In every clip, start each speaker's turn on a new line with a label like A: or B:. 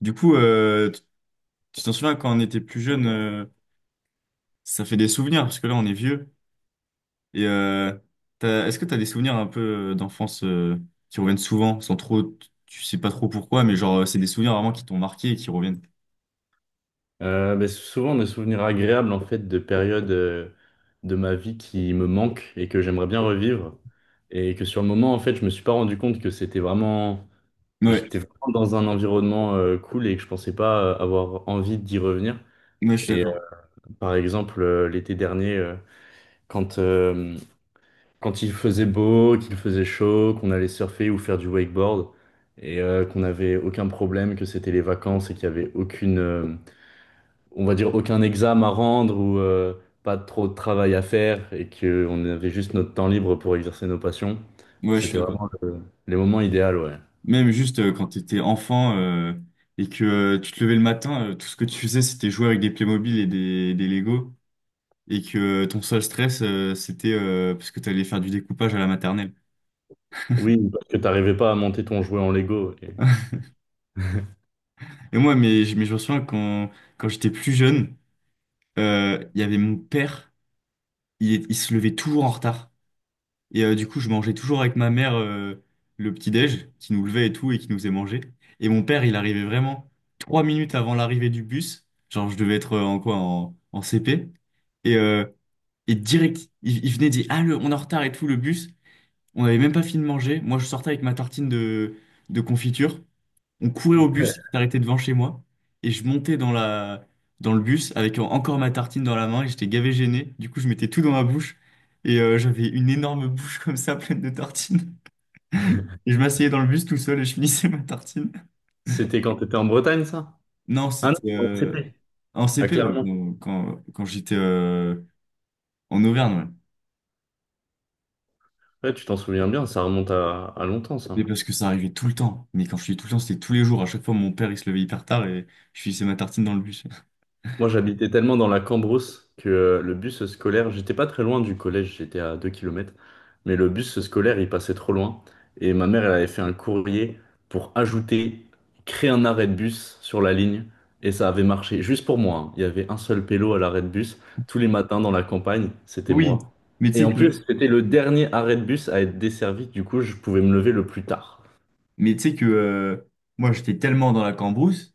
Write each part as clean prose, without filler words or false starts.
A: Du coup, tu t'en souviens quand on était plus jeune, ça fait des souvenirs parce que là on est vieux. Et est-ce que t'as des souvenirs un peu d'enfance qui reviennent souvent, sans trop, tu sais pas trop pourquoi, mais genre c'est des souvenirs vraiment qui t'ont marqué et qui reviennent.
B: Ben, souvent des souvenirs agréables en fait de périodes de ma vie qui me manquent et que j'aimerais bien revivre et que sur le moment en fait je me suis pas rendu compte que c'était vraiment,
A: Ouais,
B: j'étais vraiment dans un environnement cool et que je pensais pas avoir envie d'y revenir
A: ouais, je suis
B: et
A: d'accord.
B: par exemple l'été dernier quand euh, quand il faisait beau qu'il faisait chaud qu'on allait surfer ou faire du wakeboard et qu'on n'avait aucun problème que c'était les vacances et qu'il y avait aucune on va dire, aucun examen à rendre ou pas trop de travail à faire et qu'on avait juste notre temps libre pour exercer nos passions.
A: Ouais, je suis
B: C'était
A: d'accord.
B: vraiment les moments idéaux, ouais.
A: Même juste quand t'étais enfant et que tu te levais le matin, tout ce que tu faisais c'était jouer avec des Playmobil et des Lego et que ton seul stress c'était parce que t'allais faire du découpage à la maternelle.
B: Oui, parce que t'arrivais pas à monter ton jouet en Lego.
A: Et moi, mais, mais je me souviens quand, quand j'étais plus jeune, il y avait mon père, il se levait toujours en retard. Et du coup, je mangeais toujours avec ma mère le petit-déj, qui nous levait et tout, et qui nous faisait manger. Et mon père, il arrivait vraiment 3 minutes avant l'arrivée du bus. Genre, je devais être en quoi, en CP. Et, euh, et direct, il venait dire, Ah, on est en retard et tout, le bus. On n'avait même pas fini de manger. Moi, je sortais avec ma tartine de confiture. On courait au bus qui s'arrêtait devant chez moi et je montais dans le bus avec encore ma tartine dans la main et j'étais gavé gêné. Du coup, je mettais tout dans ma bouche et j'avais une énorme bouche comme ça pleine de tartines. Et je m'asseyais dans le bus tout seul et je finissais ma tartine.
B: C'était quand t'étais en Bretagne, ça?
A: Non,
B: Ah
A: c'était
B: non, en CP.
A: en
B: Ah,
A: CP, ouais,
B: Clermont.
A: quand j'étais en Auvergne. Ouais.
B: Ouais, tu t'en souviens bien, ça remonte à longtemps, ça.
A: Mais parce que ça arrivait tout le temps. Mais quand je dis tout le temps, c'était tous les jours. À chaque fois, mon père il se levait hyper tard et je finissais ma tartine dans le bus.
B: Moi, j'habitais tellement dans la Cambrousse que le bus scolaire, j'étais pas très loin du collège, j'étais à 2 kilomètres, mais le bus scolaire, il passait trop loin. Et ma mère, elle avait fait un courrier pour ajouter, créer un arrêt de bus sur la ligne, et ça avait marché. Juste pour moi, hein. Il y avait un seul pélo à l'arrêt de bus, tous les matins dans la campagne, c'était
A: Oui,
B: moi.
A: mais tu
B: Et
A: sais
B: en
A: que
B: plus, c'était le dernier arrêt de bus à être desservi, du coup, je pouvais me lever le plus tard.
A: mais tu sais que moi, j'étais tellement dans la cambrousse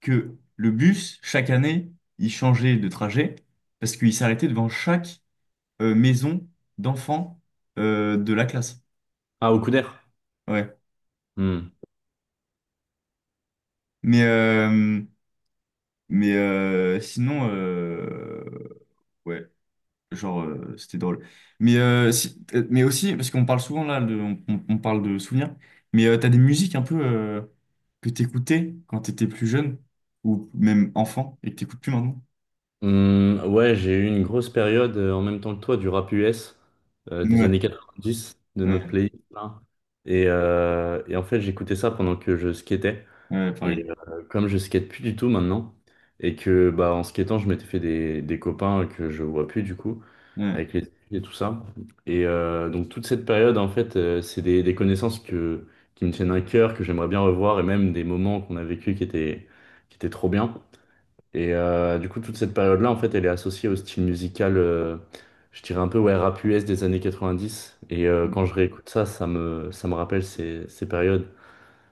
A: que le bus, chaque année, il changeait de trajet parce qu'il s'arrêtait devant chaque maison d'enfants de la classe.
B: Ah, au Couder?
A: Ouais.
B: Hmm.
A: Mais, euh, mais sinon, ouais, genre, c'était drôle. Mais, si- mais aussi, parce qu'on parle souvent là, on parle de souvenirs, mais t'as des musiques un peu que t'écoutais quand t'étais plus jeune ou même enfant et que t'écoutes plus maintenant?
B: Ouais, j'ai eu une grosse période en même temps que toi du rap US des
A: Ouais.
B: années 90 de notre
A: Ouais,
B: playlist là. Et en fait, j'écoutais ça pendant que je skatais.
A: ouais,
B: Et
A: pareil.
B: comme je skate plus du tout maintenant, et que bah en skatant, je m'étais fait des copains que je vois plus du coup,
A: Ouais.
B: avec les filles et tout ça. Et donc toute cette période, en fait, c'est des connaissances que, qui me tiennent à cœur, que j'aimerais bien revoir, et même des moments qu'on a vécu qui étaient trop bien. Et du coup, toute cette période-là, en fait, elle est associée au style musical, je dirais un peu, ouais, rap US des années 90. Et quand je réécoute ça, ça me rappelle ces périodes.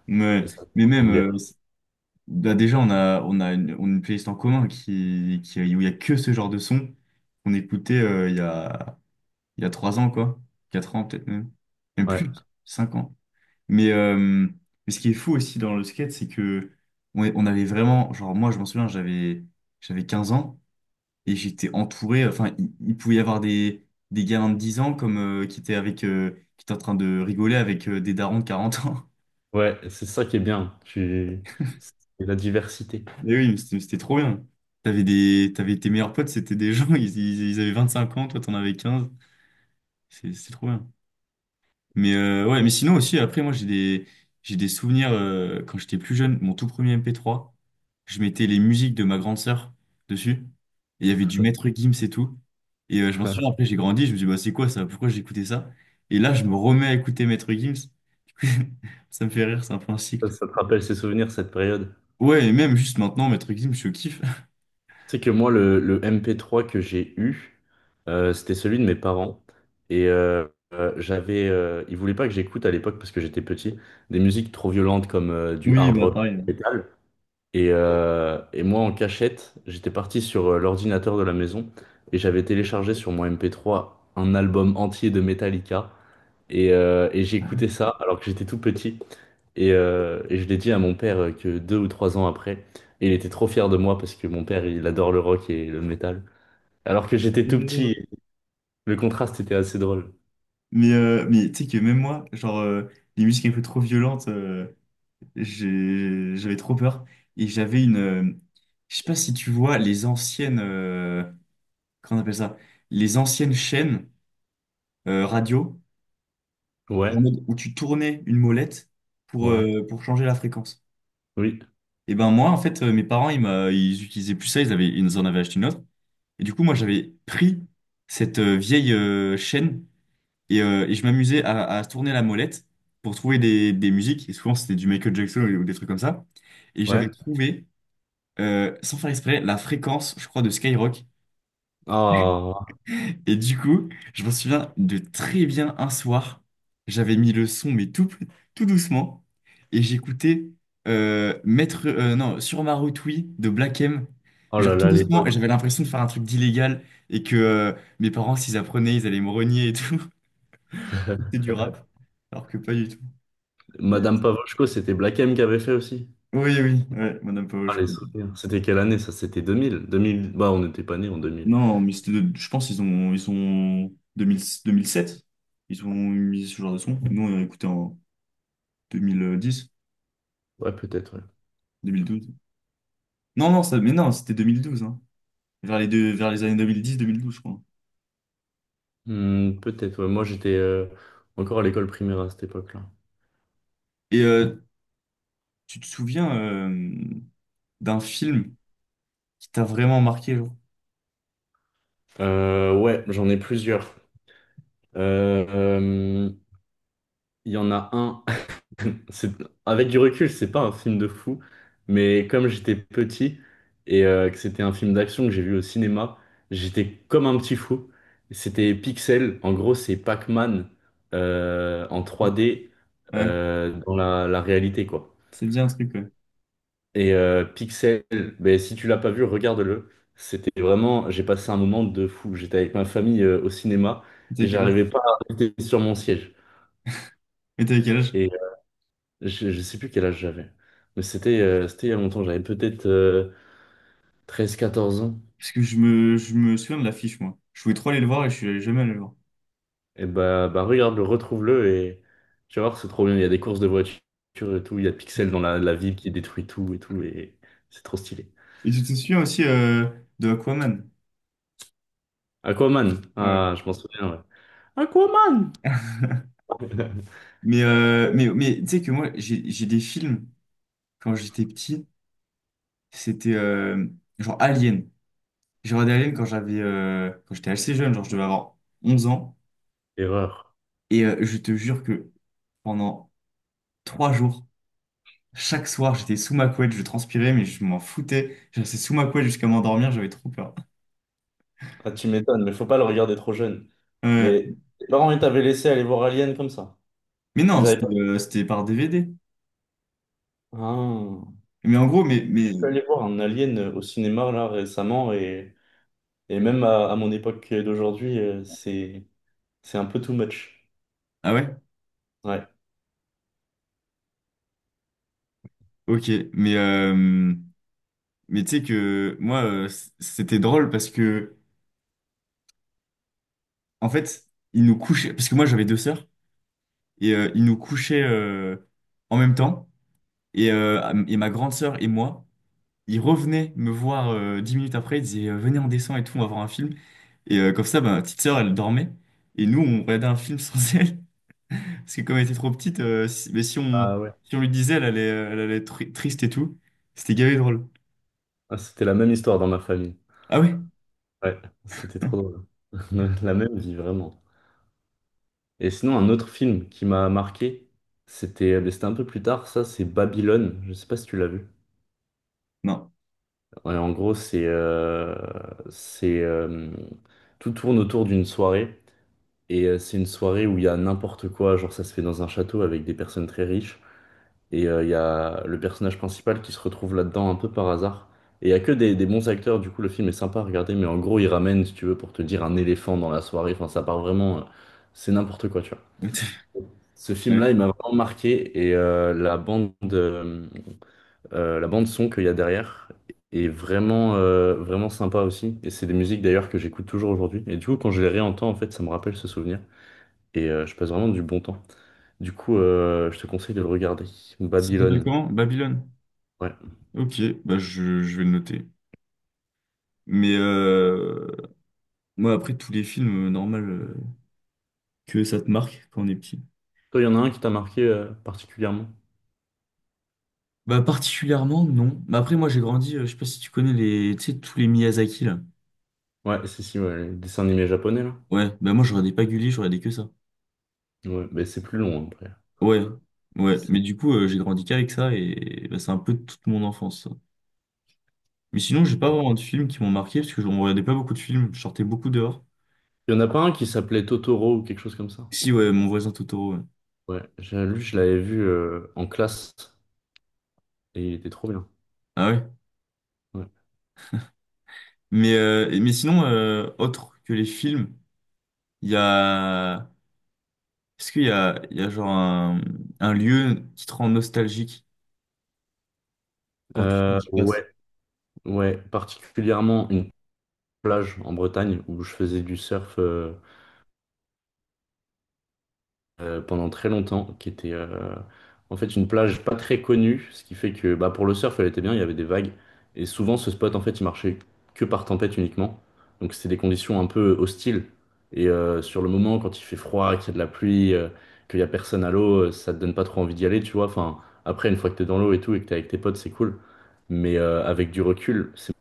A: Mais,
B: Et ça-
A: mais même,
B: les-
A: bah, déjà, on a une playlist en commun qui, où il n'y a que ce genre de son qu'on écoutait il y a 3 ans, quoi. Quatre ans, peut-être même. Même
B: ouais,
A: plus, 5 ans. Mais, euh, mais ce qui est fou aussi dans le skate, c'est que on avait vraiment, genre, moi, je m'en souviens, j'avais 15 ans et j'étais entouré, enfin, il pouvait y avoir des gamins de 10 ans comme, qui étaient avec, qui étaient en train de rigoler avec des darons de 40 ans.
B: ouais, c'est ça qui est bien. C'est la diversité.
A: Mais oui, mais c'était trop bien. T'avais tes meilleurs potes, c'était des gens, ils avaient 5 ans, toi t'en avais 15. C'est trop bien. Ouais, mais sinon aussi, après, moi j'ai des souvenirs quand j'étais plus jeune, mon tout premier MP3, je mettais les musiques de ma grande sœur dessus. Et il y avait du Maître Gims et tout. Et je m'en souviens, après j'ai grandi, je me dis, bah c'est quoi ça? Pourquoi j'écoutais ça? Et là, je me remets à écouter Maître Gims. Ça me fait rire, c'est un peu un
B: Ça,
A: cycle.
B: ça te rappelle ces souvenirs, cette période.
A: Ouais, et même juste maintenant, Maître Gims, je kiffe.
B: Tu sais que moi, le MP3 que j'ai eu, c'était celui de mes parents. Et ils voulaient pas que j'écoute à l'époque parce que j'étais petit, des musiques trop violentes comme du
A: Oui,
B: hard
A: bah
B: rock, du
A: pareil.
B: métal. Et moi, en cachette, j'étais parti sur l'ordinateur de la maison et j'avais téléchargé sur mon MP3 un album entier de Metallica. Et j'écoutais ça alors que j'étais tout petit. Et je l'ai dit à mon père que 2 ou 3 ans après. Et il était trop fier de moi parce que mon père, il adore le rock et le métal. Alors que j'étais tout petit, le contraste était assez drôle.
A: Mais tu sais que même moi, genre, les musiques un peu trop violentes, j'avais trop peur. Et j'avais une. Je sais pas si tu vois les anciennes. Comment on appelle ça? Les anciennes chaînes radio, en
B: Ouais,
A: mode où tu tournais une molette pour,
B: ouais,
A: euh, pour changer la fréquence.
B: oui,
A: Et ben moi, en fait, mes parents, ils utilisaient plus ça, ils en avaient acheté une autre. Et du coup, moi, j'avais pris cette vieille chaîne. Et je m'amusais à se tourner la molette pour trouver des musiques. Et souvent, c'était du Michael Jackson ou des trucs comme ça. Et
B: ouais.
A: j'avais trouvé, sans faire exprès, la fréquence, je crois, de Skyrock.
B: Oh,
A: Et du coup, je m'en souviens de très bien un soir, j'avais mis le son, mais tout, tout doucement. Et j'écoutais Maître, non, Sur ma route, oui, de Black M.
B: oh
A: Mais genre
B: là
A: tout
B: là,
A: doucement,
B: l'époque.
A: et j'avais l'impression de faire un truc d'illégal et que mes parents, s'ils apprenaient, ils allaient me renier et tout. C'était du rap, alors que pas du tout.
B: Madame Pavoshko, c'était Black M qui avait fait aussi.
A: Oui, oui, ouais, Madame
B: Ah,
A: Paoche.
B: les souvenirs. C'était quelle année ça? C'était 2000. 2000. Bah, on n'était pas nés en 2000.
A: Non, mais je pense qu'ils ont, ils sont 2007. Ils ont mis ce genre de son. Nous, on a écouté en 2010,
B: Ouais, peut-être, ouais.
A: 2012. Non, non, ça, mais non, c'était 2012, hein. Vers les années 2010-2012, je crois.
B: Hmm, peut-être, ouais. Moi, j'étais encore à l'école primaire à cette époque-là.
A: Et tu te souviens d'un film qui t'a vraiment marqué, genre?
B: Ouais, j'en ai plusieurs. Euh, euh, Il y en a un. C'est- Avec du recul, c'est pas un film de fou, mais comme j'étais petit et que c'était un film d'action que j'ai vu au cinéma, j'étais comme un petit fou. C'était Pixel, en gros, c'est Pac-Man en 3D
A: Ouais,
B: dans la réalité, quoi.
A: c'est bien un truc, ouais.
B: Et Pixel, ben, si tu l'as pas vu, regarde-le. C'était vraiment, j'ai passé un moment de fou. J'étais avec ma famille au cinéma
A: Et
B: et
A: t'avais quel âge?
B: j'arrivais pas à rester sur mon siège.
A: Et t'avais quel âge?
B: Et je sais plus quel âge j'avais, mais c'était il y a longtemps, j'avais peut-être 13-14 ans.
A: Parce que je me souviens de l'affiche, moi. Je voulais trop aller le voir et je suis jamais allé le voir.
B: Et bah, bah regarde-le, retrouve-le et tu vas voir, c'est trop bien. Il y a des courses de voitures et tout, il y a Pixel dans la ville qui détruit tout et tout, et c'est trop stylé.
A: Et tu te souviens aussi de Aquaman?
B: Aquaman, ah, je m'en souviens, ouais. Aquaman!
A: Mais tu sais que moi, j'ai des films, quand j'étais petit, c'était genre Alien. J'ai regardé Alien quand j'étais assez jeune, genre je devais avoir 11 ans.
B: Erreur.
A: Et je te jure que pendant 3 jours, chaque soir, j'étais sous ma couette, je transpirais, mais je m'en foutais. Je restais sous ma couette jusqu'à m'endormir, j'avais trop peur.
B: Ah, tu m'étonnes, mais faut pas le regarder trop jeune.
A: Ouais.
B: Mais tes parents, ils t'avaient laissé aller voir Alien comme ça.
A: Mais non,
B: Ils avaient
A: c'était
B: pas.
A: euh, c'était par DVD.
B: Ah.
A: Mais en gros, mais,
B: Je
A: mais...
B: suis allé voir un Alien au cinéma là récemment Et même à mon époque d'aujourd'hui, c'est un peu too much.
A: Ah ouais?
B: Ouais.
A: Ok. Mais tu sais que moi, c'était drôle parce que... En fait, ils nous couchaient, parce que moi j'avais 2 sœurs, et ils nous couchaient en même temps. Et ma grande sœur et moi, ils revenaient me voir 10 minutes après, ils disaient venez, on descend et tout, on va voir un film. Et comme ça, bah, ma petite sœur, elle dormait. Et nous, on regardait un film sans elle. Parce que comme elle était trop petite, euh, si, mais si on,
B: Ah ouais.
A: si on lui disait, elle allait être triste et tout. C'était gavé de drôle.
B: Ah, c'était la même histoire dans ma famille.
A: Ah ouais?
B: Ouais, c'était trop drôle. La même vie, vraiment. Et sinon, un autre film qui m'a marqué, c'était mais c'était un peu plus tard, ça, c'est Babylone. Je sais pas si tu l'as vu.
A: Non.
B: Ouais, en gros, c'est tout tourne autour d'une soirée. Et c'est une soirée où il y a n'importe quoi, genre ça se fait dans un château avec des personnes très riches. Et il y a le personnage principal qui se retrouve là-dedans un peu par hasard. Et il y a que des bons acteurs, du coup le film est sympa à regarder, mais en gros il ramène, si tu veux, pour te dire un éléphant dans la soirée. Enfin, ça part vraiment, c'est n'importe quoi, tu vois. Ce
A: Ouais.
B: film-là, il m'a vraiment marqué et la bande son qu'il y a derrière est vraiment sympa aussi. Et c'est des musiques d'ailleurs que j'écoute toujours aujourd'hui. Et du coup, quand je les réentends, en fait, ça me rappelle ce souvenir et je passe vraiment du bon temps. Du coup, je te conseille de le regarder.
A: Ça s'appelle
B: Babylone.
A: comment? Babylone.
B: Ouais.
A: Ok, bah je vais le noter. Mais moi, après, tous les films, normal, que ça te marque quand on est petit.
B: Toi, il y en a un qui t'a marqué particulièrement.
A: Bah, particulièrement, non. Mais après, moi, j'ai grandi, je sais pas si tu connais tu sais, tous les Miyazaki, là.
B: Ouais, si, si, ouais, les dessins animés japonais, là.
A: Ouais, bah, moi, je regardais pas Gulli, je regardais que ça.
B: Ouais, mais c'est plus long après.
A: Ouais, ouais. Mais
B: C'est-
A: du coup, j'ai grandi qu'avec ça et bah, c'est un peu toute mon enfance, ça. Mais sinon, j'ai pas vraiment de films qui m'ont marqué parce que je on regardait pas beaucoup de films, je sortais beaucoup dehors.
B: Il y en a pas un qui s'appelait Totoro ou quelque chose comme ça.
A: Si, ouais, Mon voisin Totoro, ouais.
B: Ouais, lui, je l'avais vu en classe et il était trop bien.
A: Ah ouais.
B: Ouais.
A: Mais sinon, autre que les films, il y a. Est-ce qu'il y a genre un lieu qui te rend nostalgique quand tu, quand tu passes?
B: Ouais, ouais, particulièrement une plage en Bretagne où je faisais du surf, pendant très longtemps, qui était en fait une plage pas très connue, ce qui fait que bah, pour le surf, elle était bien, il y avait des vagues, et souvent ce spot, en fait, il marchait que par tempête uniquement, donc c'était des conditions un peu hostiles, et sur le moment, quand il fait froid, qu'il y a de la pluie, qu'il y a personne à l'eau, ça te donne pas trop envie d'y aller, tu vois, enfin, après, une fois que t'es dans l'eau et tout, et que t'es avec tes potes, c'est cool, mais avec du recul, c'est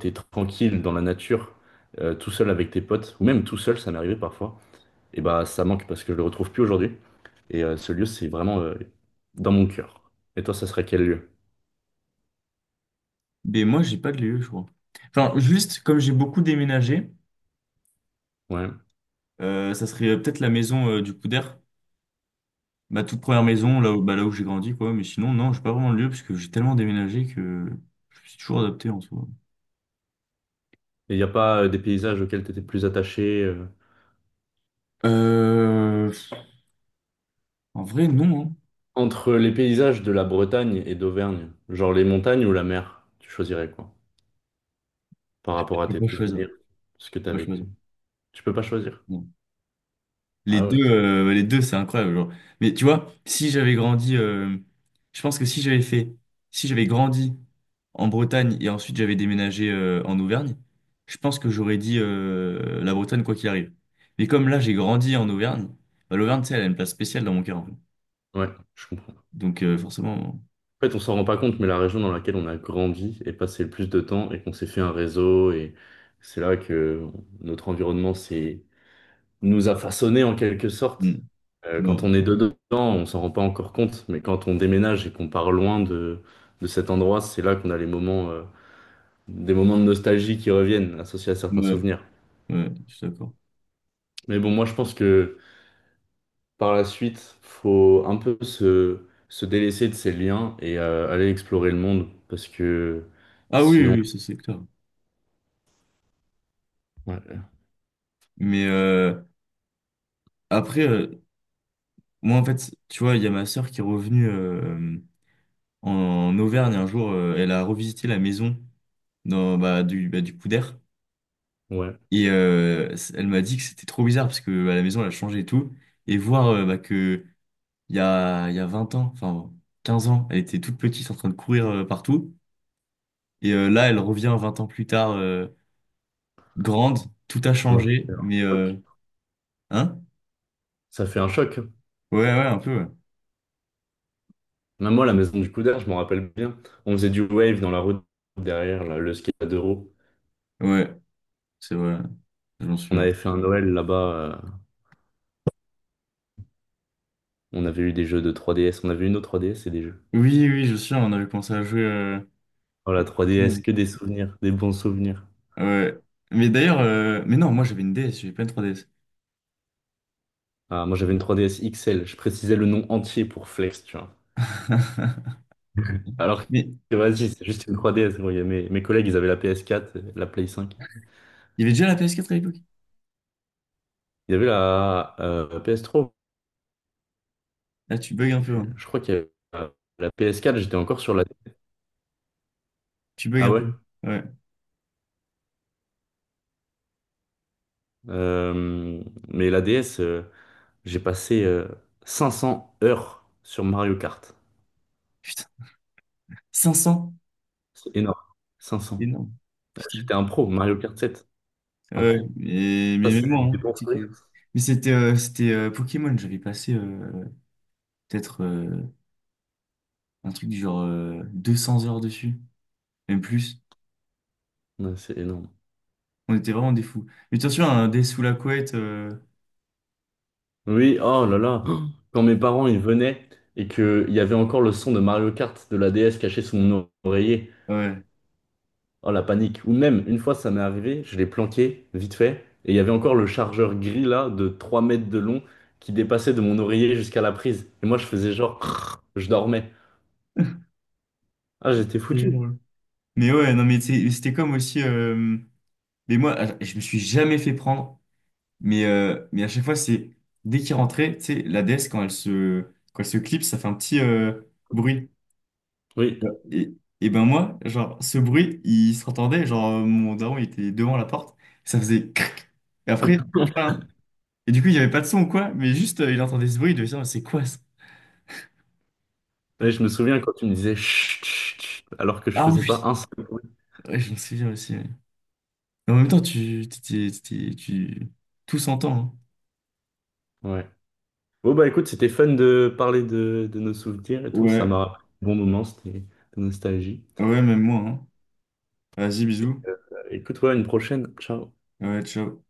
B: t'es tranquille dans la nature, tout seul avec tes potes, ou même tout seul, ça m'est arrivé parfois. Et bah ça manque parce que je le retrouve plus aujourd'hui. Et ce lieu, c'est vraiment dans mon cœur. Et toi, ça serait quel lieu?
A: Mais moi, j'ai pas de lieu, je crois. Enfin, juste, comme j'ai beaucoup déménagé,
B: Ouais.
A: ça serait peut-être la maison du coup d'air. Ma toute première maison, là où, bah, là où j'ai grandi, quoi. Mais sinon, non, j'ai pas vraiment de lieu, parce que j'ai tellement déménagé que je me suis toujours adapté en soi.
B: Et il n'y a pas des paysages auxquels tu étais plus attaché
A: Euh, En vrai, non, hein.
B: entre les paysages de la Bretagne et d'Auvergne, genre les montagnes ou la mer, tu choisirais quoi? Par rapport à
A: Je peux
B: tes
A: pas choisir. Je
B: souvenirs, ce que tu as
A: peux pas
B: vécu.
A: choisir.
B: Tu peux pas choisir. Ah ouais.
A: Les deux, c'est incroyable, genre. Mais tu vois, si j'avais grandi, je pense que si j'avais grandi en Bretagne et ensuite j'avais déménagé en Auvergne, je pense que j'aurais dit la Bretagne quoi qu'il arrive. Mais comme là j'ai grandi en Auvergne, bah, l'Auvergne, tu sais, elle a une place spéciale dans mon cœur, en fait.
B: Ouais, je comprends.
A: Donc forcément.
B: En fait, on s'en rend pas compte, mais la région dans laquelle on a grandi et passé le plus de temps et qu'on s'est fait un réseau et c'est là que notre environnement s'est nous a façonnés en quelque
A: Mm,
B: sorte. Quand
A: ouais,
B: on est dedans, on s'en rend pas encore compte, mais quand on déménage et qu'on part loin de cet endroit, c'est là qu'on a des moments de nostalgie qui reviennent, associés à certains
A: ouais,
B: souvenirs.
A: ouais, je suis d'accord.
B: Mais bon, moi je pense que par la suite, faut un peu se délaisser de ces liens et aller explorer le monde, parce que
A: Ah oui,
B: sinon,
A: oui, oui, ça c'est clair.
B: ouais,
A: Mais après, moi en fait, tu vois, il y a ma sœur qui est revenue, en Auvergne un jour, elle a revisité la maison bah, bah, du coup.
B: ouais,
A: Elle m'a dit que c'était trop bizarre parce que bah, la maison elle a changé et tout. Et voir bah, que il y a 20 ans, enfin 15 ans, elle était toute petite en train de courir partout. Et là, elle revient 20 ans plus tard, grande, tout a
B: ça m'a fait
A: changé.
B: un
A: Mais euh,
B: choc.
A: hein?
B: Ça fait un choc.
A: Ouais, ouais, un peu. Ouais,
B: Même moi, la maison du Coudert, je m'en rappelle bien. On faisait du wave dans la route derrière, là, le ski à deux roues.
A: ouais, c'est vrai, je m'en
B: On
A: souviens.
B: avait fait un Noël là-bas. On avait eu des jeux de 3DS. On avait une autre 3DS et des jeux.
A: Oui, oui, on avait commencé à jouer.
B: Oh, la 3DS, que des souvenirs, des bons souvenirs.
A: Ouais. Mais d'ailleurs, non, moi j'avais une DS, j'avais pas une 3DS.
B: Ah, moi, j'avais une 3DS XL. Je précisais le nom entier pour flex, tu vois. Alors
A: Mais
B: que, vas-y, c'est juste une 3DS, gros. Il y a mes collègues, ils avaient la PS4, la Play 5.
A: il y avait déjà la PS4 à l'époque?
B: Il y avait la PS3.
A: Là, tu bugs un
B: Je sais
A: peu,
B: plus.
A: hein.
B: Je crois qu'il y avait la PS4, j'étais encore sur la.
A: Tu bugs
B: Ah
A: un
B: ouais?
A: peu. Ouais.
B: Euh, mais la DS, j'ai passé 500 heures sur Mario Kart.
A: Putain. 500.
B: C'est énorme. 500.
A: Énorme. Putain.
B: J'étais un pro, Mario Kart 7, un
A: Ouais,
B: pro.
A: mais,
B: Ça,
A: mais même
B: c'est
A: moi,
B: des
A: hein,
B: bons
A: c'est
B: souvenirs.
A: que... Mais c'était Pokémon, j'avais passé peut-être un truc du genre 200 heures dessus, même plus.
B: Ouais, c'est énorme.
A: On était vraiment des fous. Mais attention, un dé sous la couette.
B: Oui, oh là là. Quand mes parents ils venaient et qu'il y avait encore le son de Mario Kart de la DS caché sous mon oreiller.
A: Ouais.
B: Oh la panique. Ou même, une fois ça m'est arrivé, je l'ai planqué vite fait, et il y avait encore le chargeur gris là de 3 mètres de long qui dépassait de mon oreiller jusqu'à la prise. Et moi je faisais genre, crrr, je dormais. Ah j'étais
A: Il est
B: foutu.
A: drôle. Mais ouais, non, mais c'était comme aussi... Mais moi, ah, je me suis jamais fait prendre. Mais à chaque fois, c'est dès qu'il rentrait, tu sais, la déesse, quand quand elle se clipse, ça fait un petit bruit.
B: Oui.
A: Ouais. Et ben moi, genre, ce bruit, il s'entendait. Genre, mon daron, il était devant la porte, ça faisait crac. Et après, crin. Et du coup, il n'y avait pas de son ou quoi, mais juste, il entendait ce bruit, il devait se dire, c'est quoi ça?
B: Et je me souviens quand tu me disais chut, chut, chut, alors que je
A: Ah
B: faisais pas
A: oui,
B: un seul bruit.
A: ouais, je me souviens aussi, ouais. Mais en même temps, tu, t'étais- t'étais- tu, tout s'entend, hein.
B: Ouais. Bon bah écoute, c'était fun de parler de nos souvenirs et tout. Ça
A: Ouais,
B: m'a bon moment, c'était de nostalgie.
A: ouais, même moi, hein. Vas-y,
B: Et,
A: bisous.
B: écoute, ouais, une prochaine. Ciao.
A: Ouais, ciao.